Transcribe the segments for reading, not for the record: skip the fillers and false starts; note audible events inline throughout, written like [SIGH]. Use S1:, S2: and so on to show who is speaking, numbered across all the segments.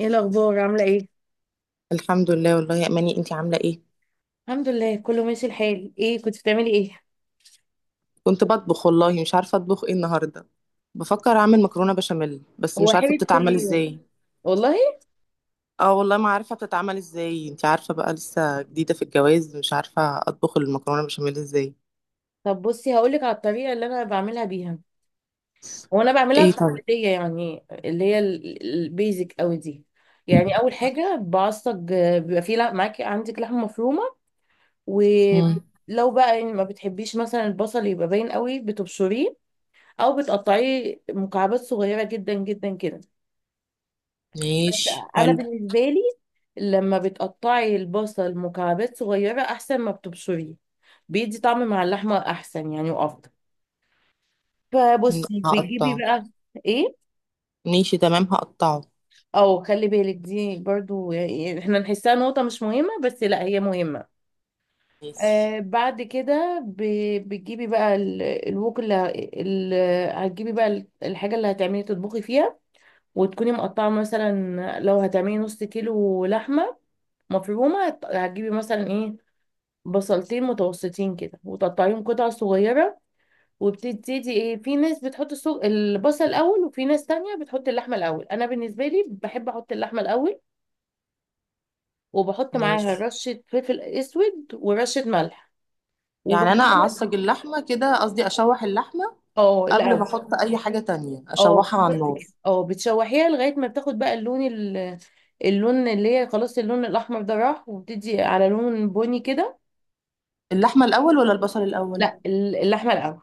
S1: ايه الاخبار؟ عامله ايه؟
S2: الحمد لله، والله يا اماني، انتي عامله ايه؟
S1: الحمد لله، كله ماشي. الحال ايه؟ كنت بتعملي ايه؟
S2: كنت بطبخ والله، مش عارفه اطبخ ايه النهارده. بفكر اعمل مكرونه بشاميل بس
S1: هو
S2: مش عارفه
S1: حلت كل
S2: بتتعمل
S1: يوم.
S2: ازاي.
S1: والله
S2: اه والله، ما عارفه بتتعمل ازاي. انتي عارفه بقى، لسه جديده في الجواز، مش عارفه اطبخ المكرونه بشاميل ازاي.
S1: طب بصي، هقولك على الطريقه اللي انا بعملها بيها. هو انا بعملها
S2: ايه؟ طيب.
S1: التقليديه، يعني اللي هي البيزك قوي دي. يعني اول حاجه بعصج، بيبقى معاكي عندك لحمه مفرومه.
S2: مم.
S1: ولو بقى يعني ما بتحبيش مثلا البصل يبقى باين قوي، بتبشريه. او بتقطعيه مكعبات صغيره جدا جدا كده.
S2: ماشي،
S1: انا
S2: حلو.
S1: بالنسبه لي، لما بتقطعي البصل مكعبات صغيره احسن ما بتبشريه. بيدي طعم مع اللحمه احسن يعني وافضل. فبصي بتجيبي
S2: هقطعه.
S1: بقى ايه.
S2: ماشي تمام، هقطعه.
S1: او خلي بالك، دي برضو يعني احنا نحسها نقطه مش مهمه، بس لا، هي مهمه.
S2: ماشي.
S1: بعد كده بتجيبي الوك هتجيبي الحاجه اللي هتعملي تطبخي فيها. وتكوني مقطعه، مثلا لو هتعملي نص كيلو لحمه مفرومه، هتجيبي مثلا ايه، بصلتين متوسطين كده وتقطعيهم قطع صغيرة. وبتبتدي ايه، في ناس بتحط البصل الأول، وفي ناس تانية بتحط اللحمة الأول. أنا بالنسبة لي بحب أحط اللحمة الأول وبحط معاها
S2: ماشي
S1: رشة فلفل أسود ورشة ملح.
S2: يعني
S1: وبسيب.
S2: انا اعصج اللحمه كده، قصدي اشوح اللحمه
S1: اه،
S2: قبل ما
S1: الأول.
S2: احط اي حاجه تانية،
S1: اه،
S2: اشوحها على
S1: بالظبط
S2: النار.
S1: كده. اه، بتشوحيها لغاية ما بتاخد بقى اللون اللي هي خلاص، اللون الأحمر ده راح وبتدي على لون بني كده.
S2: اللحمه الاول ولا البصل الاول؟
S1: لا، اللحمة الأول.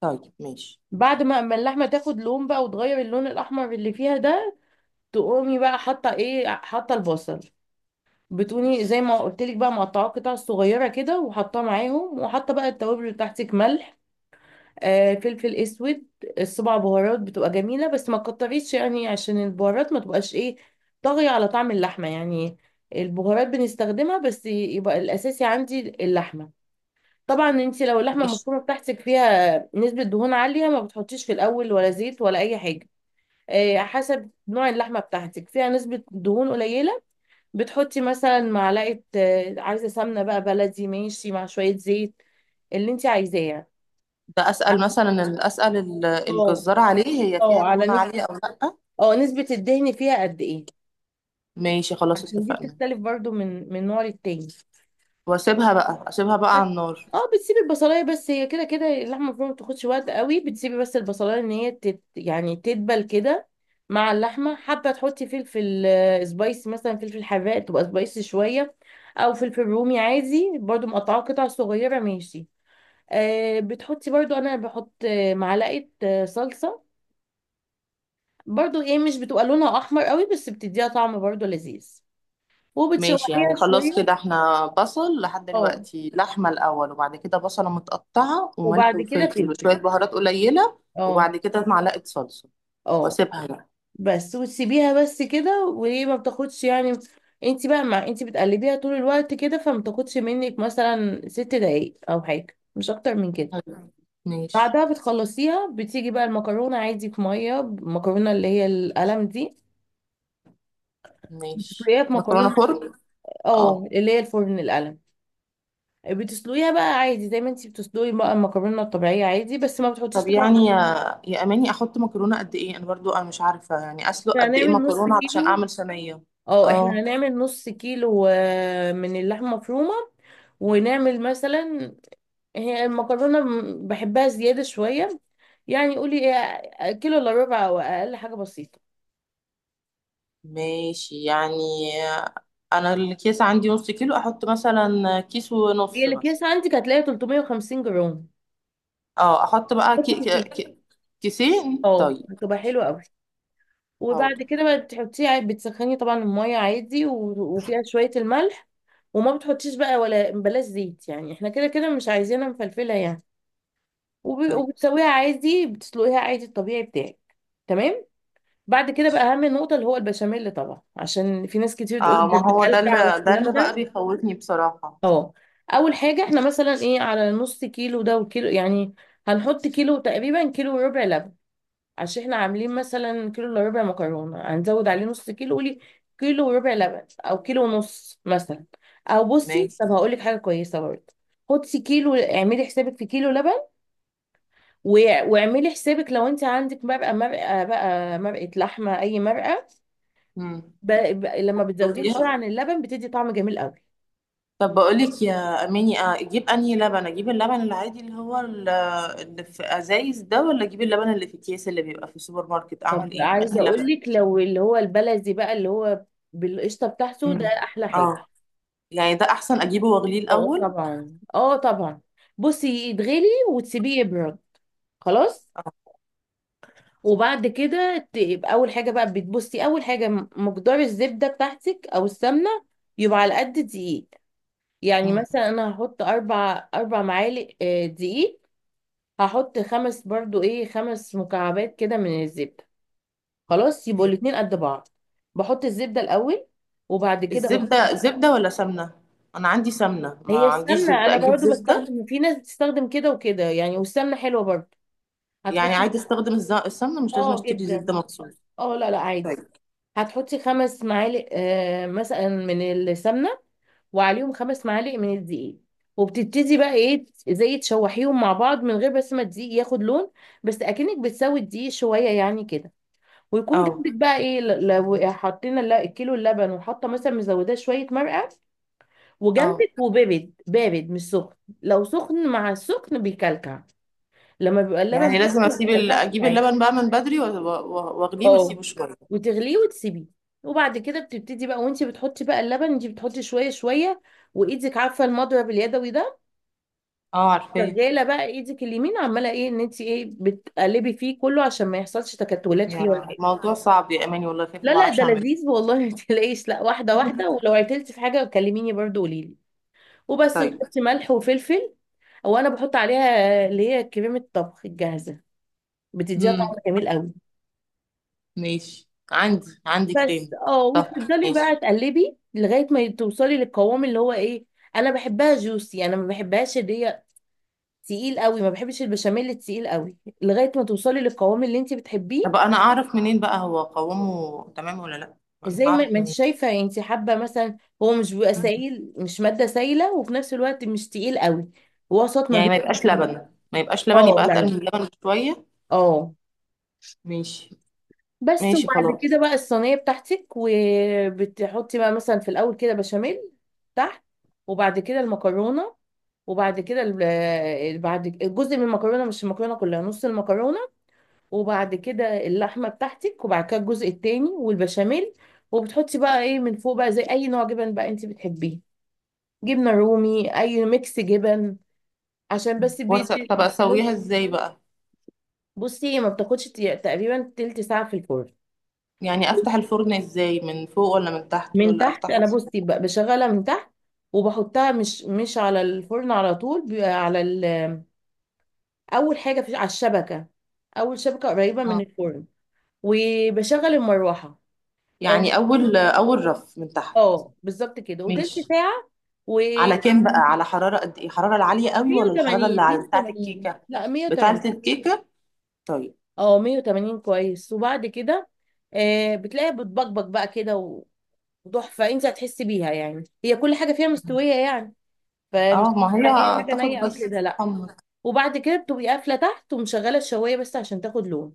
S2: طيب ماشي.
S1: بعد ما اللحمة تاخد لون بقى وتغير اللون الأحمر اللي فيها ده، تقومي بقى حاطه ايه، حاطه البصل. بتقومي زي ما قلت لك بقى مقطعاه قطع صغيره كده وحاطاه معاهم، وحاطه بقى التوابل بتاعتك، ملح، فلفل اسود. السبع بهارات بتبقى جميله، بس ما تكتريش يعني، عشان البهارات ما تبقاش ايه، طاغيه على طعم اللحمه يعني. البهارات بنستخدمها بس، يبقى الاساسي عندي اللحمه. طبعا انت لو اللحمه
S2: ماشي.
S1: المفرومه بتاعتك فيها نسبه دهون عاليه، ما بتحطيش في الاول ولا زيت ولا اي حاجه. حسب نوع اللحمه بتاعتك، فيها نسبه دهون قليله، بتحطي مثلا معلقة، عايزة سمنة بقى بلدي، ماشي مع شوية زيت اللي انت عايزاه.
S2: ده اسال مثلا
S1: اه.
S2: الجزار عليه، هي فيها
S1: اه، على
S2: دهون عاليه
S1: نسبة.
S2: او لا؟
S1: اه، نسبة الدهن فيها قد ايه.
S2: ماشي خلاص،
S1: عشان دي
S2: اتفقنا.
S1: بتختلف برضو من نوع للتاني.
S2: واسيبها بقى على النار.
S1: اه، بتسيبي البصلايه بس، هي كده كده اللحمه المفرومه ما بتاخدش وقت قوي. بتسيبي بس البصلايه ان هي تت يعني تدبل كده مع اللحمه. حابه تحطي فلفل، سبايس مثلا فلفل حراق تبقى سبايسي شويه، او فلفل رومي عادي برضو، مقطعاه قطع صغيره. ماشي. بتحطي برضو، انا بحط معلقه صلصه. برضو ايه، مش بتبقى لونها احمر قوي بس بتديها طعم برضو لذيذ.
S2: ماشي يعني
S1: وبتشوحيها
S2: خلاص
S1: شويه.
S2: كده، احنا بصل لحد
S1: اه.
S2: دلوقتي، لحمه الاول وبعد كده بصله متقطعه وملح
S1: وبعد كده
S2: وفلفل
S1: فلفل.
S2: وشويه بهارات قليله.
S1: اه.
S2: وبعد كده معلقه صلصه.
S1: اه،
S2: واسيبها بقى.
S1: بس. وتسيبيها بس كده، وهي ما بتاخدش يعني. انت بقى مع، انت بتقلبيها طول الوقت كده، فما بتاخدش منك مثلا ست دقايق او حاجه، مش اكتر من كده.
S2: أيوة. ماشي.
S1: بعدها بتخلصيها، بتيجي بقى المكرونه عادي في ميه، المكرونه اللي هي القلم دي
S2: ماشي،
S1: بتسلقيها في
S2: مكرونه
S1: مكرونه.
S2: فرن. اه.
S1: اه، اللي هي الفرن، القلم. بتسلقيها بقى عادي زي ما انتي بتسلقي بقى المكرونه الطبيعيه عادي، بس ما بتحطيش
S2: طب
S1: طبعا.
S2: يعني يا اماني، احط مكرونه قد ايه؟ انا برضو، انا مش عارفه يعني اسلق
S1: احنا
S2: قد ايه
S1: هنعمل نص
S2: مكرونه علشان
S1: كيلو.
S2: اعمل صينيه.
S1: اه، احنا
S2: اه.
S1: هنعمل نص كيلو من اللحمه مفرومه. ونعمل مثلا، هي المكرونه بحبها زياده شويه. يعني قولي ايه، كيلو الا ربع او اقل حاجه بسيطه.
S2: ماشي يعني، انا الكيس عندي نص كيلو، احط مثلا كيس
S1: هي
S2: ونص
S1: الاكياس
S2: مثلا.
S1: عندك هتلاقيها 350 جرام،
S2: اه، احط بقى
S1: بس كتير.
S2: كيسين؟
S1: اه،
S2: طيب.
S1: هتبقى حلوه قوي. وبعد
S2: حاضر.
S1: كده بقى بتحطيه عادي، بتسخني طبعا المية عادي، وفيها شوية الملح. وما بتحطيش بقى، ولا بلاش زيت، يعني احنا كده كده مش عايزينها مفلفلة يعني.
S2: طيب.
S1: وبتسويها عادي، بتسلقيها عادي الطبيعي بتاعك. تمام. بعد كده بقى اهم نقطة اللي هو البشاميل، طبعا عشان في ناس كتير تقول
S2: اه، ما
S1: ده
S2: هو ده اللي،
S1: بيكلكع
S2: ده
S1: والكلام
S2: اللي بقى
S1: ده.
S2: بيخوفني بصراحه.
S1: اه. اول حاجة احنا مثلا ايه، على نص كيلو ده وكيلو يعني، هنحط كيلو تقريبا، كيلو وربع لبن. عشان احنا عاملين مثلا كيلو الا ربع مكرونه، هنزود عليه نص كيلو. قولي كيلو وربع لبن او كيلو ونص مثلا. او بصي،
S2: ماشي.
S1: طب هقول لك حاجه كويسه برضه، خدي كيلو، اعملي حسابك في كيلو لبن. واعملي حسابك لو انت عندك مرقه، مرقه بقى، مرقه لحمه، اي مرقه.
S2: امم.
S1: لما بتزوديها شويه
S2: شوفيها.
S1: عن اللبن بتدي طعم جميل قوي.
S2: طب بقولك يا اماني، اجيب انهي لبن؟ اجيب اللبن العادي اللي هو اللي في ازايز ده، ولا اجيب اللبن اللي في اكياس اللي بيبقى في السوبر ماركت؟
S1: طب
S2: اعمل ايه؟
S1: عايزه
S2: انهي
S1: اقول
S2: لبن؟
S1: لك، لو اللي هو البلدي بقى اللي هو بالقشطه بتاعته ده،
S2: مم.
S1: احلى حاجه.
S2: اه. يعني ده احسن، اجيبه واغليه
S1: اه
S2: الاول.
S1: طبعا، اه طبعا. بصي يتغلي، وتسيبيه يبرد. خلاص.
S2: اه.
S1: وبعد كده يبقى اول حاجه بقى بتبصي اول حاجه، مقدار الزبده بتاعتك او السمنه يبقى على قد دقيق. يعني
S2: مم.
S1: مثلا انا هحط اربع معالق دقيق. هحط خمس برضو ايه، خمس مكعبات كده من الزبده. خلاص يبقوا الاتنين قد بعض. بحط الزبده الاول وبعد كده بحط.
S2: الزبده، زبده ولا سمنه؟ انا عندي سمنه، ما
S1: هي
S2: عنديش
S1: السمنه
S2: زبده،
S1: انا
S2: اجيب
S1: برضو
S2: زبده؟
S1: بستخدم، في ناس بتستخدم كده وكده يعني، والسمنه حلوه برضو.
S2: يعني
S1: هتحطي.
S2: عادي استخدم السمنه، مش لازم
S1: اه،
S2: اشتري
S1: جدا.
S2: زبده مخصوص؟
S1: اه، لا لا، عادي.
S2: طيب.
S1: هتحطي خمس معالق مثلا من السمنه، وعليهم خمس معالق من الدقيق. وبتبتدي بقى ايه، زي تشوحيهم مع بعض، من غير بس ما الدقيق ياخد لون، بس اكنك بتسوي الدقيق شويه يعني كده. ويكون
S2: اه.
S1: جنبك بقى ايه، لو حطينا الكيلو اللبن وحاطه مثلا مزوداه شويه مرقه،
S2: اه.
S1: وجنبك، وبارد بارد مش سخن. لو سخن مع السخن بيكلكع. لما بيبقى اللبن
S2: يعني
S1: بارد
S2: لازم
S1: ما
S2: اسيب
S1: بيكلكعش
S2: اجيب
S1: معاكي.
S2: اللبن بقى من بدري واغليه واسيبه
S1: اه،
S2: شويه.
S1: وتغليه وتسيبيه. وبعد كده بتبتدي بقى، وانت بتحطي بقى اللبن انت بتحطي شويه شويه. وايدك عارفه المضرب اليدوي ده،
S2: اه، عارفاه.
S1: شغاله بقى. ايدك اليمين عماله ايه، ان انت ايه بتقلبي فيه كله، عشان ما يحصلش تكتلات فيه ولا
S2: يا
S1: حاجه.
S2: موضوع صعب يا اماني، والله خايفه
S1: لا
S2: ما
S1: لا، ده
S2: اعرفش اعمله.
S1: لذيذ والله، ما تلاقيش لا واحده واحده. ولو عطلتي في حاجه كلميني برضو، قولي لي. وبس
S2: طيب.
S1: بتحطي ملح وفلفل. وانا بحط عليها اللي هي كريمه الطبخ الجاهزه، بتديها
S2: امم.
S1: طعم جميل قوي.
S2: ماشي، عندي
S1: بس
S2: كريم.
S1: اه،
S2: طب.
S1: وبتفضلي بقى
S2: ماشي.
S1: تقلبي لغايه ما توصلي للقوام اللي هو ايه. انا بحبها جوسي، انا ما بحبهاش اللي هي تقيل قوي، ما بحبش البشاميل التقيل قوي. لغايه ما توصلي للقوام اللي انت بتحبيه.
S2: طب انا اعرف منين بقى هو قوامه تمام ولا لا؟ انا
S1: زي ما
S2: هعرف
S1: ما انت
S2: منين؟
S1: شايفه، انت حابه مثلا هو مش بيبقى سائل، مش ماده سائله، وفي نفس الوقت مش تقيل قوي، وسط ما
S2: يعني
S1: بين
S2: ما يبقاش
S1: الاتنين.
S2: لبن ما يبقاش لبن
S1: اه
S2: يبقى
S1: لا
S2: اتقل من
S1: لا.
S2: اللبن بشويه.
S1: اه،
S2: ماشي.
S1: بس.
S2: ماشي
S1: وبعد
S2: خلاص.
S1: كده بقى الصينية بتاعتك، وبتحطي بقى مثلا في الأول كده بشاميل تحت، وبعد كده المكرونة، وبعد كده جزء من المكرونة، مش المكرونة كلها، نص المكرونة. وبعد كده اللحمة بتاعتك، وبعد كده الجزء التاني والبشاميل. وبتحطي بقى ايه من فوق بقى زي أي نوع جبن بقى انت بتحبيه، جبنة رومي، أي ميكس جبن، عشان بس
S2: طب اسويها ازاي بقى؟
S1: بصي هي ما بتاخدش تقريبا تلت ساعة في الفرن.
S2: يعني افتح الفرن ازاي، من فوق ولا من تحت
S1: من
S2: ولا
S1: تحت،
S2: افتحه
S1: انا
S2: ازاي؟
S1: بصي بشغلها من تحت. وبحطها مش على الفرن على طول، بيبقى على ال، اول حاجه في على الشبكه، اول شبكه قريبه من
S2: آه.
S1: الفرن. وبشغل المروحه. اه.
S2: يعني اول اول رف من تحت؟
S1: بالظبط كده، وتلت
S2: ماشي.
S1: ساعه. و
S2: على كام بقى، على حرارة قد ايه؟ الحرارة العالية قوي ولا الحرارة
S1: 180،
S2: اللي بتاعة
S1: 180،
S2: الكيكة؟
S1: لا
S2: بتاعة
S1: 180.
S2: الكيكة. طيب.
S1: اه، 180 كويس. وبعد كده بتلاقيها بتبقبق بقى كده، وتحفه. انت هتحسي بيها يعني، هي كل حاجه فيها مستويه يعني، فمش
S2: اه، ما هي
S1: يعني اي حاجه
S2: تاخد
S1: نيه او
S2: بس.
S1: كده، لا.
S2: حمر.
S1: وبعد كده بتبقي قافله تحت ومشغله الشوايه بس عشان تاخد لون.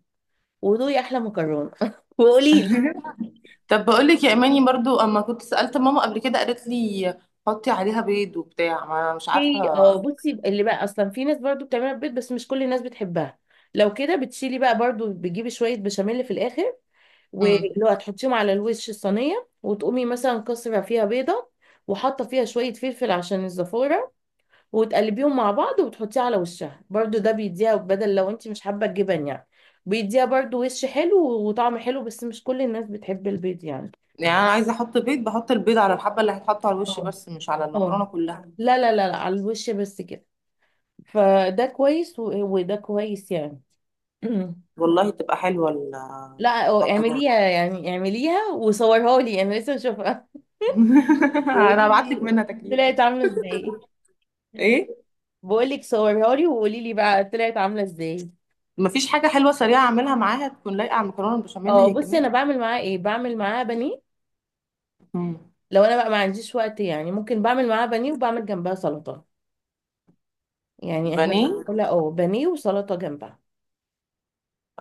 S1: ودوقي احلى مكرونه [LAUGHS] وقولي لي.
S2: [LAUGHS] طب بقول لك يا اماني، برضو اما كنت سألت ماما قبل كده قالت لي حطي عليها بيض وبتاع، ما انا مش
S1: في،
S2: عارفة.
S1: اه بصي، اللي بقى اصلا في ناس برضو بتعملها في البيت بس مش كل الناس بتحبها. لو كده بتشيلي بقى برضو، بتجيبي شويه بشاميل في الاخر
S2: امم.
S1: واللي هو هتحطيهم على الوش الصينيه، وتقومي مثلا كسره فيها بيضه وحاطه فيها شويه فلفل عشان الزفاره، وتقلبيهم مع بعض وبتحطيه على وشها برضو. ده بيديها، بدل لو انت مش حابه الجبن يعني، بيديها برضو وش حلو وطعم حلو، بس مش كل الناس بتحب البيض يعني.
S2: يعني انا عايزة احط بيض، بحط البيض على الحبة اللي هتحط على الوش
S1: اه.
S2: بس، مش على المكرونة
S1: اه،
S2: كلها.
S1: لا لا لا لا، على الوش بس كده. فده كويس، وده كويس يعني. [CLEARS THROAT]
S2: والله تبقى حلوة
S1: لا اه،
S2: المكرونة.
S1: اعمليها يعني، اعمليها وصورها لي، انا لسه اشوفها
S2: [LAUGHS] انا
S1: وقولي
S2: هبعت لك
S1: لي
S2: منها تاكليها.
S1: طلعت عامله ازاي.
S2: ايه؟
S1: بقول لك صورها لي وقولي لي بقى طلعت عامله ازاي.
S2: مفيش حاجة حلوة سريعة أعملها معاها تكون لايقة على المكرونة البشاميل
S1: اه،
S2: هي
S1: بصي
S2: كمان؟
S1: انا بعمل معاه ايه، بعمل معاه بانيه.
S2: مم.
S1: لو انا بقى ما عنديش وقت يعني، ممكن بعمل معاه بانيه وبعمل جنبها سلطه. يعني احنا
S2: بانيه.
S1: بناكلها اه، بانيه وسلطه جنبها.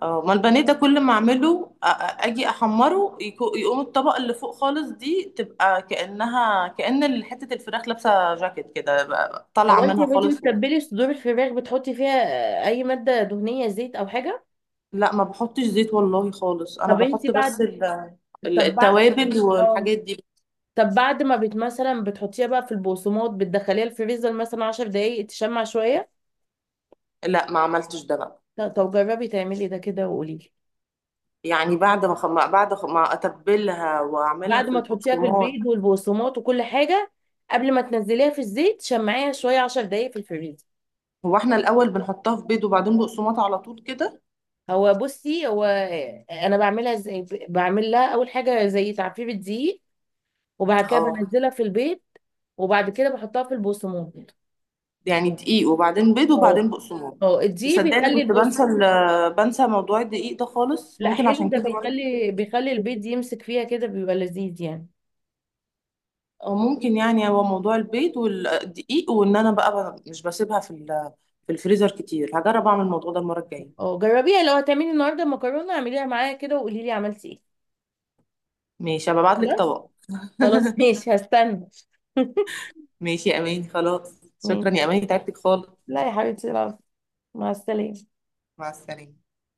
S2: اه، ما البانيه ده كل ما أعمله، أجي أحمره، يقوم الطبقة اللي فوق خالص دي تبقى كأن حتة الفراخ لابسة جاكيت كده طالعة
S1: هو انت
S2: منها
S1: وانت
S2: خالص.
S1: بتتبلي صدور الفراخ، بتحطي فيها اي ماده دهنيه، زيت او حاجه.
S2: لا ما بحطش زيت والله خالص، أنا
S1: طب انت
S2: بحط بس
S1: بعد، طب بعد،
S2: التوابل
S1: اه،
S2: والحاجات دي.
S1: طب بعد ما بت مثلا بتحطيها بقى في البقسماط، بتدخليها الفريزر مثلا 10 دقايق تشمع شويه.
S2: لا ما عملتش ده بقى.
S1: طب جربي تعملي ده كده وقولي لي.
S2: يعني بعد ما ما أتبلها وأعملها
S1: بعد
S2: في
S1: ما تحطيها في
S2: البقسماط.
S1: البيض والبقسماط وكل حاجه، قبل ما تنزليها في الزيت، شمعيها شويه 10 دقايق في الفريزر.
S2: هو احنا الاول بنحطها في بيض وبعدين بقسماط على طول كده؟
S1: هو بصي، هو انا بعملها ازاي، بعمل لها اول حاجه زي تعفير الدقيق، وبعد كده
S2: اه.
S1: بنزلها في البيت، وبعد كده بحطها في البقسماط.
S2: يعني دقيق وبعدين بيض
S1: اه.
S2: وبعدين بقسماط.
S1: اه، دي
S2: تصدقني
S1: بيخلي
S2: كنت
S1: البص.
S2: بنسى بنسى موضوع الدقيق ده خالص،
S1: لا،
S2: ممكن
S1: حلو
S2: عشان
S1: ده،
S2: كده برضه.
S1: بيخلي البيض يمسك فيها كده، بيبقى لذيذ يعني.
S2: او ممكن يعني هو موضوع البيض والدقيق. وان انا بقى مش بسيبها في في الفريزر كتير. هجرب اعمل الموضوع ده المره الجايه.
S1: اه، جربيها، لو هتعملي النهارده مكرونه اعمليها معايا كده وقولي لي عملتي ايه.
S2: ماشي، هبعت لك
S1: خلاص.
S2: طبق. [LAUGHS]
S1: خلاص ماشي، هستنى. [LAUGHS]
S2: ماشي يا اماني خلاص،
S1: ماشي.
S2: شكرا يا اماني، تعبتك خالص.
S1: لا يا حبيبتي، العفو. مع السلامه.
S2: مع السلامه.